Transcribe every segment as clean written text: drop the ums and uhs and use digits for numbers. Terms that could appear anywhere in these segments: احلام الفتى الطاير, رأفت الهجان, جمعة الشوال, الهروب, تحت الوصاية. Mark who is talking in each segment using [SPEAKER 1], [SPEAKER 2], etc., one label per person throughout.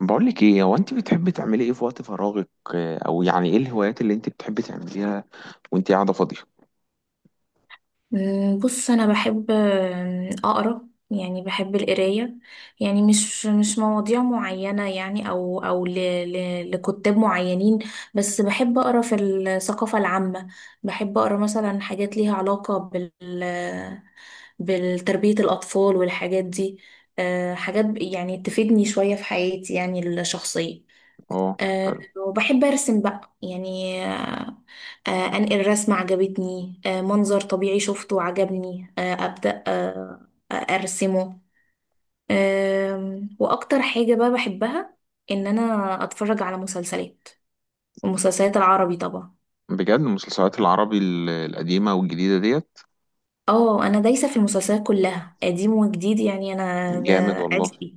[SPEAKER 1] بقولك ايه هو انت بتحبي تعملي ايه في وقت فراغك؟ او يعني ايه الهوايات اللي انت بتحبي تعمليها وانت قاعده فاضيه؟
[SPEAKER 2] بص انا بحب اقرا، يعني بحب القرايه. يعني مش مواضيع معينه، يعني او ل ل لكتاب معينين. بس بحب اقرا في الثقافه العامه. بحب اقرا مثلا حاجات ليها علاقه بالتربيه الاطفال والحاجات دي. حاجات يعني تفيدني شويه في حياتي، يعني الشخصيه.
[SPEAKER 1] اه.
[SPEAKER 2] آه،
[SPEAKER 1] حلو.
[SPEAKER 2] وبحب أرسم بقى يعني. أنقل رسمة عجبتني، منظر طبيعي شفته عجبني، أبدأ أرسمه. وأكتر حاجة بقى بحبها إن أنا أتفرج على مسلسلات، المسلسلات العربي طبعا.
[SPEAKER 1] بجد؟ المسلسلات العربي القديمه والجديده ديت؟
[SPEAKER 2] اه، أنا دايسة في المسلسلات كلها قديم وجديد، يعني أنا
[SPEAKER 1] جامد
[SPEAKER 2] ده
[SPEAKER 1] والله.
[SPEAKER 2] عشقي.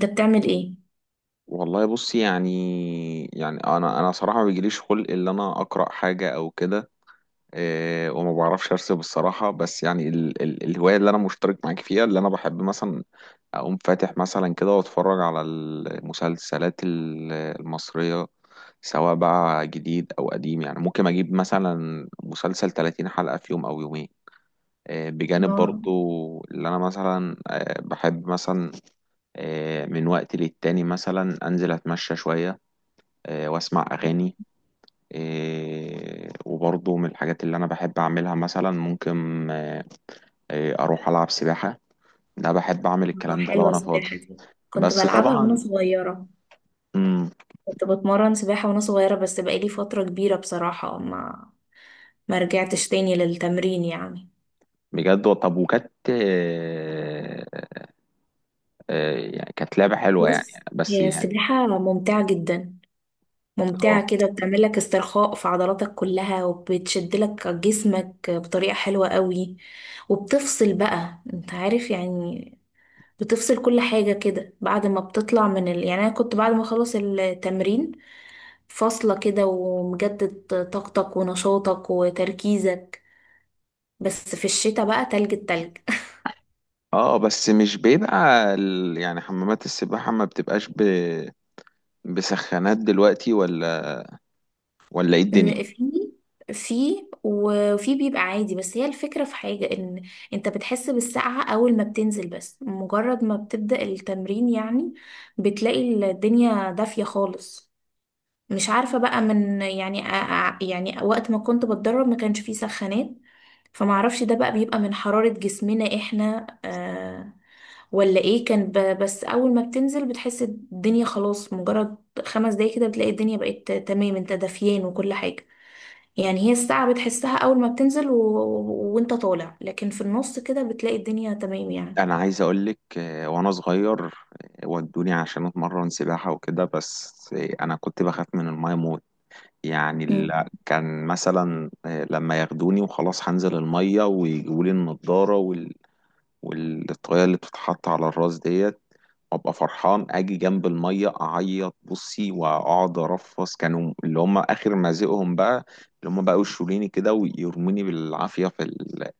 [SPEAKER 2] أنت بتعمل إيه؟
[SPEAKER 1] والله بصي، يعني يعني انا صراحه ما بيجيليش خلق ان انا اقرا حاجه او كده. وما بعرفش ارسم الصراحه، بس يعني ال ال الهوايه اللي انا مشترك معاك فيها اللي انا بحب مثلا اقوم فاتح مثلا كده واتفرج على المسلسلات المصرية، سواء بقى جديد او قديم. يعني ممكن اجيب مثلا مسلسل 30 حلقة في يوم او يومين، بجانب
[SPEAKER 2] اه.
[SPEAKER 1] برضو اللي انا مثلا بحب مثلا من وقت للتاني مثلا انزل اتمشى شوية، واسمع اغاني، وبرضو من الحاجات اللي انا بحب اعملها مثلا ممكن اروح العب سباحة. ده بحب اعمل الكلام ده لو
[SPEAKER 2] حلوة
[SPEAKER 1] انا
[SPEAKER 2] السباحة
[SPEAKER 1] فاضي.
[SPEAKER 2] دي، كنت
[SPEAKER 1] بس
[SPEAKER 2] بلعبها وأنا
[SPEAKER 1] طبعا.
[SPEAKER 2] صغيرة.
[SPEAKER 1] مم.
[SPEAKER 2] كنت بتمرن سباحة وانا صغيرة، بس بقالي فترة كبيرة بصراحة ما رجعتش تاني للتمرين يعني.
[SPEAKER 1] بجد. طب، وكانت يعني كانت لعبة حلوة يعني،
[SPEAKER 2] بص،
[SPEAKER 1] بس
[SPEAKER 2] هي
[SPEAKER 1] يعني.
[SPEAKER 2] السباحة ممتعة جدا، ممتعة
[SPEAKER 1] اه.
[SPEAKER 2] كده، بتعمل لك استرخاء في عضلاتك كلها وبتشد لك جسمك بطريقة حلوة قوي. وبتفصل بقى، انت عارف يعني. بتفصل كل حاجة كده بعد ما بتطلع من يعني انا كنت بعد ما اخلص التمرين فاصلة كده، ومجدد طاقتك ونشاطك وتركيزك. بس في الشتاء بقى، تلج، التلج.
[SPEAKER 1] اه، بس مش بيبقى يعني حمامات السباحة ما بتبقاش بسخانات دلوقتي، ولا ايه الدنيا؟
[SPEAKER 2] إن في وفي بيبقى عادي. بس هي الفكرة في حاجة ان انت بتحس بالسقعة اول ما بتنزل، بس مجرد ما بتبدأ التمرين يعني، بتلاقي الدنيا دافية خالص. مش عارفة بقى من يعني، يعني وقت ما كنت بتدرب ما كانش فيه سخانات. فمعرفش ده بقى بيبقى من حرارة جسمنا احنا ولا ايه. كان بس اول ما بتنزل بتحس الدنيا خلاص، مجرد 5 دقايق كده بتلاقي الدنيا بقت تمام، انت دافيان وكل حاجة. يعني هي الساعة بتحسها أول ما بتنزل وانت طالع، لكن في النص كده بتلاقي الدنيا تمام يعني.
[SPEAKER 1] انا عايز اقولك وانا صغير ودوني عشان اتمرن سباحة وكده، بس انا كنت بخاف من الماية موت. يعني
[SPEAKER 2] مم.
[SPEAKER 1] كان مثلا لما ياخدوني وخلاص هنزل المية ويجيبولي النضارة والطريقة اللي بتتحط على الراس ديت، وابقى فرحان اجي جنب الميه اعيط، بصي، واقعد ارفص. كانوا اللي هم اخر مزقهم بقى، اللي هم بقى يشوليني كده ويرموني بالعافيه في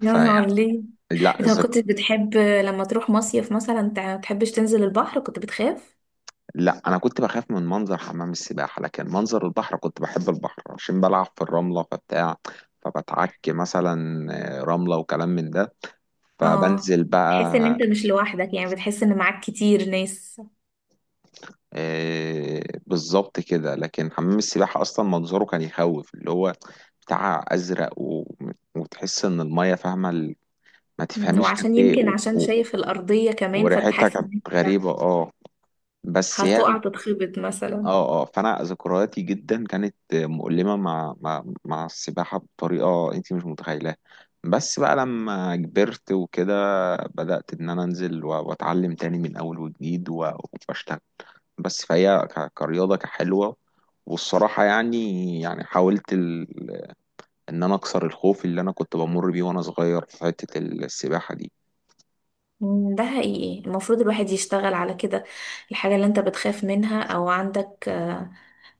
[SPEAKER 2] يا نهار
[SPEAKER 1] فيعني.
[SPEAKER 2] ليه،
[SPEAKER 1] لا.
[SPEAKER 2] انت ما كنتش بتحب لما تروح مصيف مثلا تحبش تنزل البحر؟ كنت بتخاف؟
[SPEAKER 1] لا، انا كنت بخاف من منظر حمام السباحه، لكن منظر البحر كنت بحب البحر عشان بلعب في الرمله فبتاع، فبتعك مثلا رمله وكلام من ده،
[SPEAKER 2] اه،
[SPEAKER 1] فبنزل
[SPEAKER 2] بتحس ان
[SPEAKER 1] بقى.
[SPEAKER 2] انت مش لوحدك، يعني بتحس ان معاك كتير ناس.
[SPEAKER 1] آه، بالظبط كده. لكن حمام السباحة أصلا منظره كان يخوف، اللي هو بتاع أزرق وتحس إن المية فاهمة ما
[SPEAKER 2] مم.
[SPEAKER 1] تفهميش كانت
[SPEAKER 2] وعشان
[SPEAKER 1] إيه
[SPEAKER 2] يمكن عشان شايف الأرضية كمان، فانت
[SPEAKER 1] وريحتها
[SPEAKER 2] حاسس
[SPEAKER 1] كانت
[SPEAKER 2] ان انت
[SPEAKER 1] غريبة. بس يعني.
[SPEAKER 2] هتقع تتخبط مثلا.
[SPEAKER 1] أه أه فأنا ذكرياتي جدا كانت مؤلمة مع مع السباحة بطريقة أنت مش متخيلاها. بس بقى لما كبرت وكده، بدأت إن أنا أنزل وأتعلم تاني من أول وجديد وأشتغل. بس فهي كرياضة كحلوة، والصراحة يعني، يعني حاولت إن أنا أكسر الخوف اللي أنا كنت بمر بيه وأنا صغير في حتة السباحة دي.
[SPEAKER 2] ده حقيقي، المفروض الواحد يشتغل على كده. الحاجة اللي انت بتخاف منها او عندك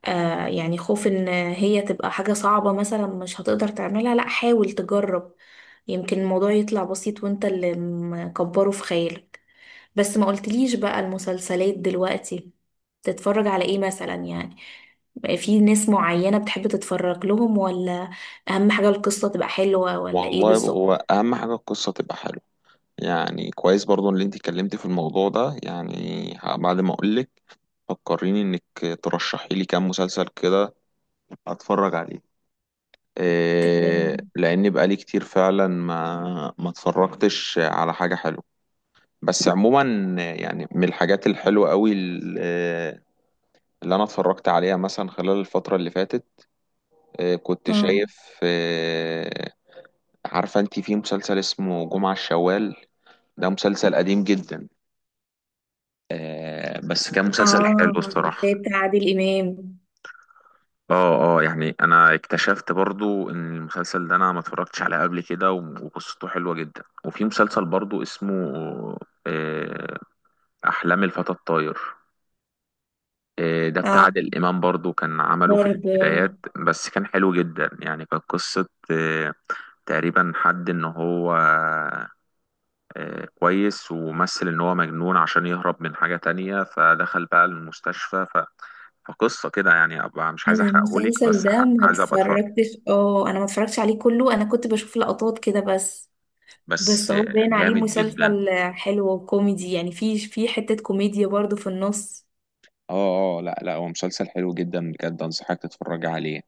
[SPEAKER 2] يعني خوف ان هي تبقى حاجة صعبة مثلا، مش هتقدر تعملها، لا حاول تجرب. يمكن الموضوع يطلع بسيط وانت اللي مكبره في خيالك. بس ما قلتليش بقى المسلسلات دلوقتي تتفرج على ايه مثلا يعني؟ في ناس معينة بتحب تتفرج لهم، ولا اهم حاجة القصة تبقى حلوة، ولا ايه
[SPEAKER 1] والله
[SPEAKER 2] بالظبط؟
[SPEAKER 1] هو أهم حاجة القصة تبقى حلوة. يعني كويس برضو اللي أنت اتكلمتي في الموضوع ده، يعني بعد ما أقولك فكريني إنك ترشحي لي كام مسلسل كده أتفرج عليه.
[SPEAKER 2] تمام.
[SPEAKER 1] لأن بقالي كتير فعلا ما اتفرجتش على حاجة حلوة. بس عموما، يعني من الحاجات الحلوة قوي اللي أنا اتفرجت عليها مثلا خلال الفترة اللي فاتت، كنت
[SPEAKER 2] اه.
[SPEAKER 1] شايف. عارفة أنت في مسلسل اسمه جمعة الشوال؟ ده مسلسل قديم جدا، بس كان مسلسل حلو
[SPEAKER 2] اه،
[SPEAKER 1] الصراحة.
[SPEAKER 2] بتاعت عادل امام.
[SPEAKER 1] اه اه، يعني انا اكتشفت برضو ان المسلسل ده انا ما اتفرجتش عليه قبل كده، وقصته حلوة جدا. وفي مسلسل برضو اسمه آه، احلام الفتى الطاير. إيه، ده بتاع
[SPEAKER 2] اه،
[SPEAKER 1] عادل إمام برضو، كان عمله في
[SPEAKER 2] برضه.
[SPEAKER 1] البدايات، بس كان حلو جدا. يعني كانت قصة، إيه، تقريبا حد إن هو، إيه، كويس، ومثل إن هو مجنون عشان يهرب من حاجة تانية فدخل بقى المستشفى فقصة كده. يعني أبقى مش عايز
[SPEAKER 2] انا
[SPEAKER 1] أحرقهولك،
[SPEAKER 2] المسلسل
[SPEAKER 1] بس
[SPEAKER 2] ده ما
[SPEAKER 1] عايز أبقى أتفرج.
[SPEAKER 2] اتفرجتش، اه انا ما اتفرجتش عليه كله، انا كنت بشوف لقطات كده بس.
[SPEAKER 1] بس
[SPEAKER 2] بس هو
[SPEAKER 1] إيه،
[SPEAKER 2] باين عليه
[SPEAKER 1] جامد جدا.
[SPEAKER 2] مسلسل حلو وكوميدي، يعني في حتة كوميديا برضو في النص.
[SPEAKER 1] اه اه، لا لا، هو مسلسل حلو جدا بجد، انصحك تتفرج عليه.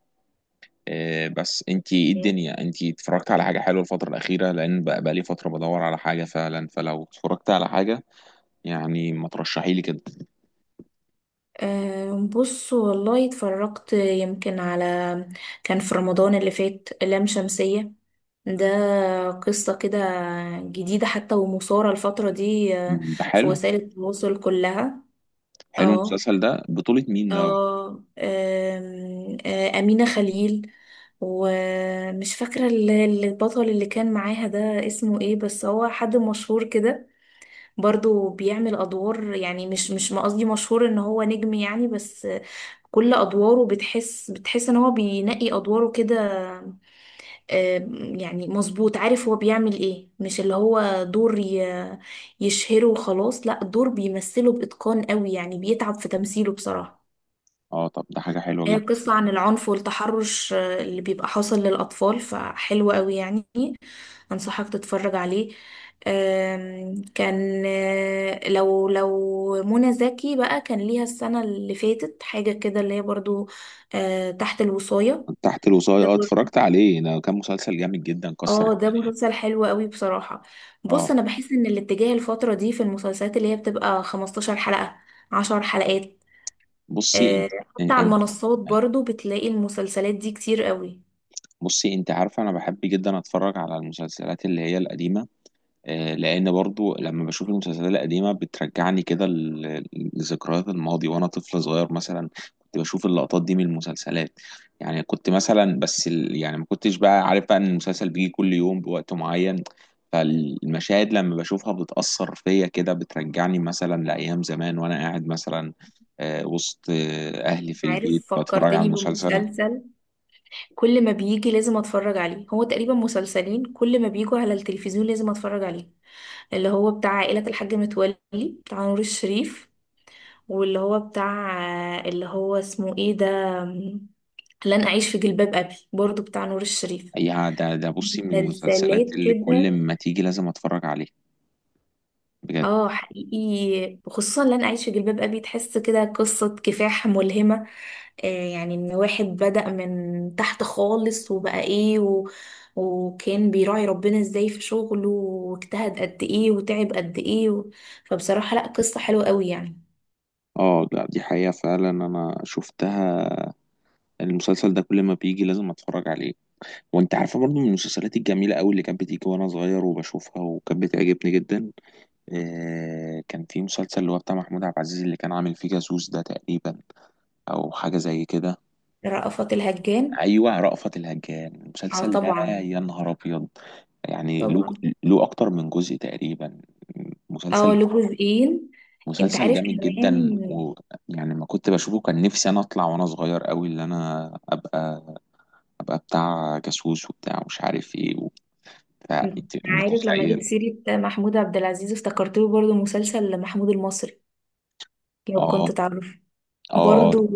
[SPEAKER 1] بس انت ايه
[SPEAKER 2] مم.
[SPEAKER 1] الدنيا؟ انت اتفرجت على حاجة حلوة الفترة الأخيرة؟ لأن بقى لي فترة بدور على حاجة فعلا، فلو اتفرجت على حاجة يعني ما ترشحي لي كده.
[SPEAKER 2] بص والله اتفرجت يمكن على... كان في رمضان اللي فات لام شمسية. ده قصة كده جديدة حتى، ومثارة الفترة دي
[SPEAKER 1] ده
[SPEAKER 2] في
[SPEAKER 1] حلو.
[SPEAKER 2] وسائل التواصل كلها.
[SPEAKER 1] حلو،
[SPEAKER 2] اه.
[SPEAKER 1] المسلسل ده بطولة مين ده؟
[SPEAKER 2] اه. آم، آه، أمينة خليل. ومش فاكرة البطل اللي كان معاها ده اسمه ايه، بس هو حد مشهور كده، برضو بيعمل أدوار، يعني مش ما قصدي مشهور ان هو نجم يعني، بس كل أدواره بتحس ان هو بينقي أدواره كده. يعني مظبوط، عارف هو بيعمل ايه، مش اللي هو دور يشهره وخلاص، لا دور بيمثله بإتقان قوي يعني، بيتعب في تمثيله بصراحة.
[SPEAKER 1] اه، طب ده حاجة حلوة
[SPEAKER 2] هي
[SPEAKER 1] جدا.
[SPEAKER 2] قصة عن العنف والتحرش اللي بيبقى حاصل للأطفال، فحلوة قوي يعني، أنصحك تتفرج عليه. كان لو منى زكي بقى كان ليها السنة اللي فاتت حاجة كده اللي هي برضو تحت الوصاية.
[SPEAKER 1] تحت الوصاية،
[SPEAKER 2] ده
[SPEAKER 1] اه،
[SPEAKER 2] برضو.
[SPEAKER 1] اتفرجت عليه، ده كان مسلسل جامد جدا، كسر
[SPEAKER 2] اه ده
[SPEAKER 1] الدنيا.
[SPEAKER 2] مسلسل حلو قوي بصراحة. بص،
[SPEAKER 1] اه،
[SPEAKER 2] أنا بحس إن الاتجاه الفترة دي في المسلسلات اللي هي بتبقى 15 حلقة، 10 حلقات.
[SPEAKER 1] بصي
[SPEAKER 2] آه،
[SPEAKER 1] انت
[SPEAKER 2] حتى على
[SPEAKER 1] انت
[SPEAKER 2] المنصات برضو بتلاقي المسلسلات دي كتير قوي.
[SPEAKER 1] بصي، انت عارفة انا بحب جدا اتفرج على المسلسلات اللي هي القديمة، لان برضو لما بشوف المسلسلات القديمه بترجعني كده لذكريات الماضي وانا طفل صغير مثلا. كنت بشوف اللقطات دي من المسلسلات. يعني كنت مثلا، بس يعني ما كنتش بقى عارف بقى ان المسلسل بيجي كل يوم بوقت معين. فالمشاهد لما بشوفها بتأثر فيا كده، بترجعني مثلا لأيام زمان وانا قاعد مثلا وسط اهلي في البيت
[SPEAKER 2] عارف،
[SPEAKER 1] بتفرج على
[SPEAKER 2] فكرتني
[SPEAKER 1] المسلسل.
[SPEAKER 2] بمسلسل كل ما بيجي لازم اتفرج عليه، هو تقريبا مسلسلين كل ما بيجوا على التلفزيون لازم اتفرج عليه. اللي هو بتاع عائلة الحاج متولي بتاع نور الشريف، واللي هو بتاع... اللي هو اسمه ايه ده، لن اعيش في جلباب ابي برضو بتاع نور الشريف.
[SPEAKER 1] يا ده، بصي، من
[SPEAKER 2] مسلسلات
[SPEAKER 1] المسلسلات اللي كل
[SPEAKER 2] كده.
[SPEAKER 1] ما تيجي لازم اتفرج عليها بجد.
[SPEAKER 2] اه حقيقي، وخصوصا لن اعيش في جلباب ابي، تحس كده قصة كفاح ملهمة، يعني ان واحد بدأ من تحت خالص وبقى ايه و... وكان بيراعي ربنا ازاي في شغله، واجتهد قد ايه وتعب قد ايه و... فبصراحة، لا قصة حلوة قوي يعني.
[SPEAKER 1] اه، لا دي حقيقة، فعلا انا شفتها، المسلسل ده كل ما بيجي لازم اتفرج عليه. وانت عارفة برضو من المسلسلات الجميلة قوي اللي كانت بتيجي وانا صغير وبشوفها، وكانت بتعجبني جدا، كان في مسلسل اللي هو بتاع محمود عبد العزيز اللي كان عامل فيه جاسوس، ده تقريبا او حاجة زي كده.
[SPEAKER 2] رأفت الهجان.
[SPEAKER 1] ايوه، رأفت الهجان.
[SPEAKER 2] اه
[SPEAKER 1] المسلسل ده
[SPEAKER 2] طبعا.
[SPEAKER 1] يا نهار ابيض. يعني له،
[SPEAKER 2] طبعا.
[SPEAKER 1] له اكتر من جزء تقريبا،
[SPEAKER 2] اه
[SPEAKER 1] مسلسل،
[SPEAKER 2] له جزئين. انت
[SPEAKER 1] مسلسل
[SPEAKER 2] عارف
[SPEAKER 1] جامد جدا.
[SPEAKER 2] كمان.
[SPEAKER 1] ويعني ما كنت بشوفه كان نفسي انا اطلع وانا صغير قوي، اللي انا ابقى، ابقى بتاع جاسوس وبتاع مش عارف ايه، وبتاع انت
[SPEAKER 2] عارف، لما جبت
[SPEAKER 1] متخيل.
[SPEAKER 2] سيرة محمود عبد العزيز افتكرت له برضه مسلسل محمود المصري، لو
[SPEAKER 1] اه
[SPEAKER 2] كنت تعرف.
[SPEAKER 1] اه
[SPEAKER 2] برضو،
[SPEAKER 1] اه،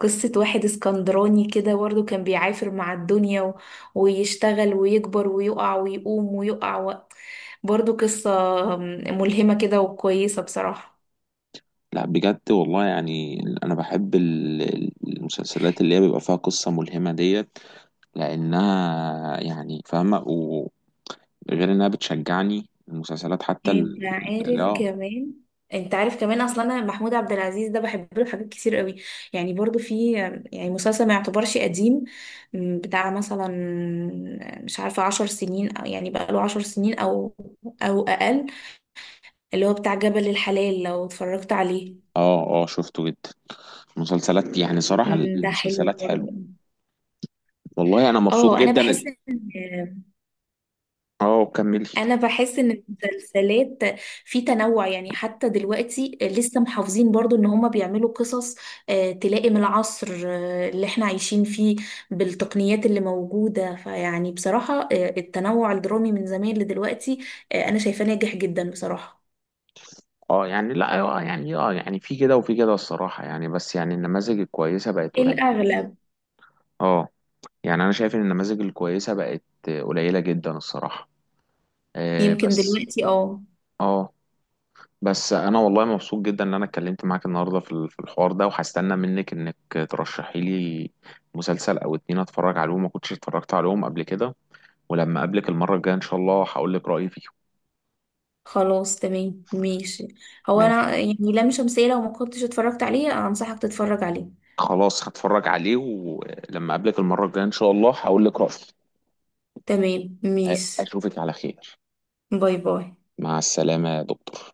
[SPEAKER 2] قصة واحد اسكندراني كده، برضو كان بيعافر مع الدنيا و... ويشتغل ويكبر ويقع ويقوم ويقع و... برضو قصة ملهمة كده وكويسة بصراحة.
[SPEAKER 1] لا بجد والله، يعني انا بحب المسلسلات اللي هي بيبقى فيها قصة ملهمة ديت، لانها يعني فاهمة، وغير انها بتشجعني المسلسلات. حتى
[SPEAKER 2] انت عارف
[SPEAKER 1] اه.
[SPEAKER 2] كمان انت عارف كمان اصلا، انا محمود عبد العزيز ده بحب له حاجات كتير قوي. يعني برضو في، يعني مسلسل ما يعتبرش قديم، بتاع مثلا، مش عارفة 10 سنين، أو يعني بقى له 10 سنين او اقل، اللي هو بتاع جبل الحلال، لو اتفرجت عليه.
[SPEAKER 1] اه اه، شفته جدا. مسلسلات، يعني صراحة
[SPEAKER 2] ده حلو
[SPEAKER 1] المسلسلات حلوة.
[SPEAKER 2] برضه.
[SPEAKER 1] والله انا مبسوط
[SPEAKER 2] اه
[SPEAKER 1] جدا.
[SPEAKER 2] ان
[SPEAKER 1] اه، كملي.
[SPEAKER 2] انا بحس ان المسلسلات في تنوع، يعني حتى دلوقتي لسه محافظين برضو ان هما بيعملوا قصص تلائم العصر اللي احنا عايشين فيه، بالتقنيات اللي موجودة، فيعني بصراحة التنوع الدرامي من زمان لدلوقتي انا شايفاه ناجح جدا بصراحة.
[SPEAKER 1] اه يعني، لا، اه يعني، اه يعني في كده وفي كده الصراحه، يعني بس يعني النماذج الكويسه بقت قليله.
[SPEAKER 2] الاغلب.
[SPEAKER 1] اه، يعني انا شايف ان النماذج الكويسه بقت قليله جدا الصراحه،
[SPEAKER 2] يمكن
[SPEAKER 1] بس.
[SPEAKER 2] دلوقتي. اه،
[SPEAKER 1] اه، بس انا والله مبسوط جدا ان انا اتكلمت معاك النهارده في في الحوار ده، وهستنى منك انك ترشحي لي مسلسل او اتنين اتفرج عليهم، ما كنتش اتفرجت عليهم قبل كده، ولما اقابلك المره الجايه ان شاء الله هقول لك رايي فيهم.
[SPEAKER 2] خلاص تمام ماشي. هو
[SPEAKER 1] ماشي،
[SPEAKER 2] انا يعني، لام شمسية لو ما كنتش اتفرجت عليه انصحك تتفرج عليه.
[SPEAKER 1] خلاص هتفرج عليه، ولما اقابلك المرة الجاية ان شاء الله هقول لك رأيي.
[SPEAKER 2] تمام ماشي.
[SPEAKER 1] اشوفك على خير.
[SPEAKER 2] باي باي.
[SPEAKER 1] مع السلامة يا دكتور.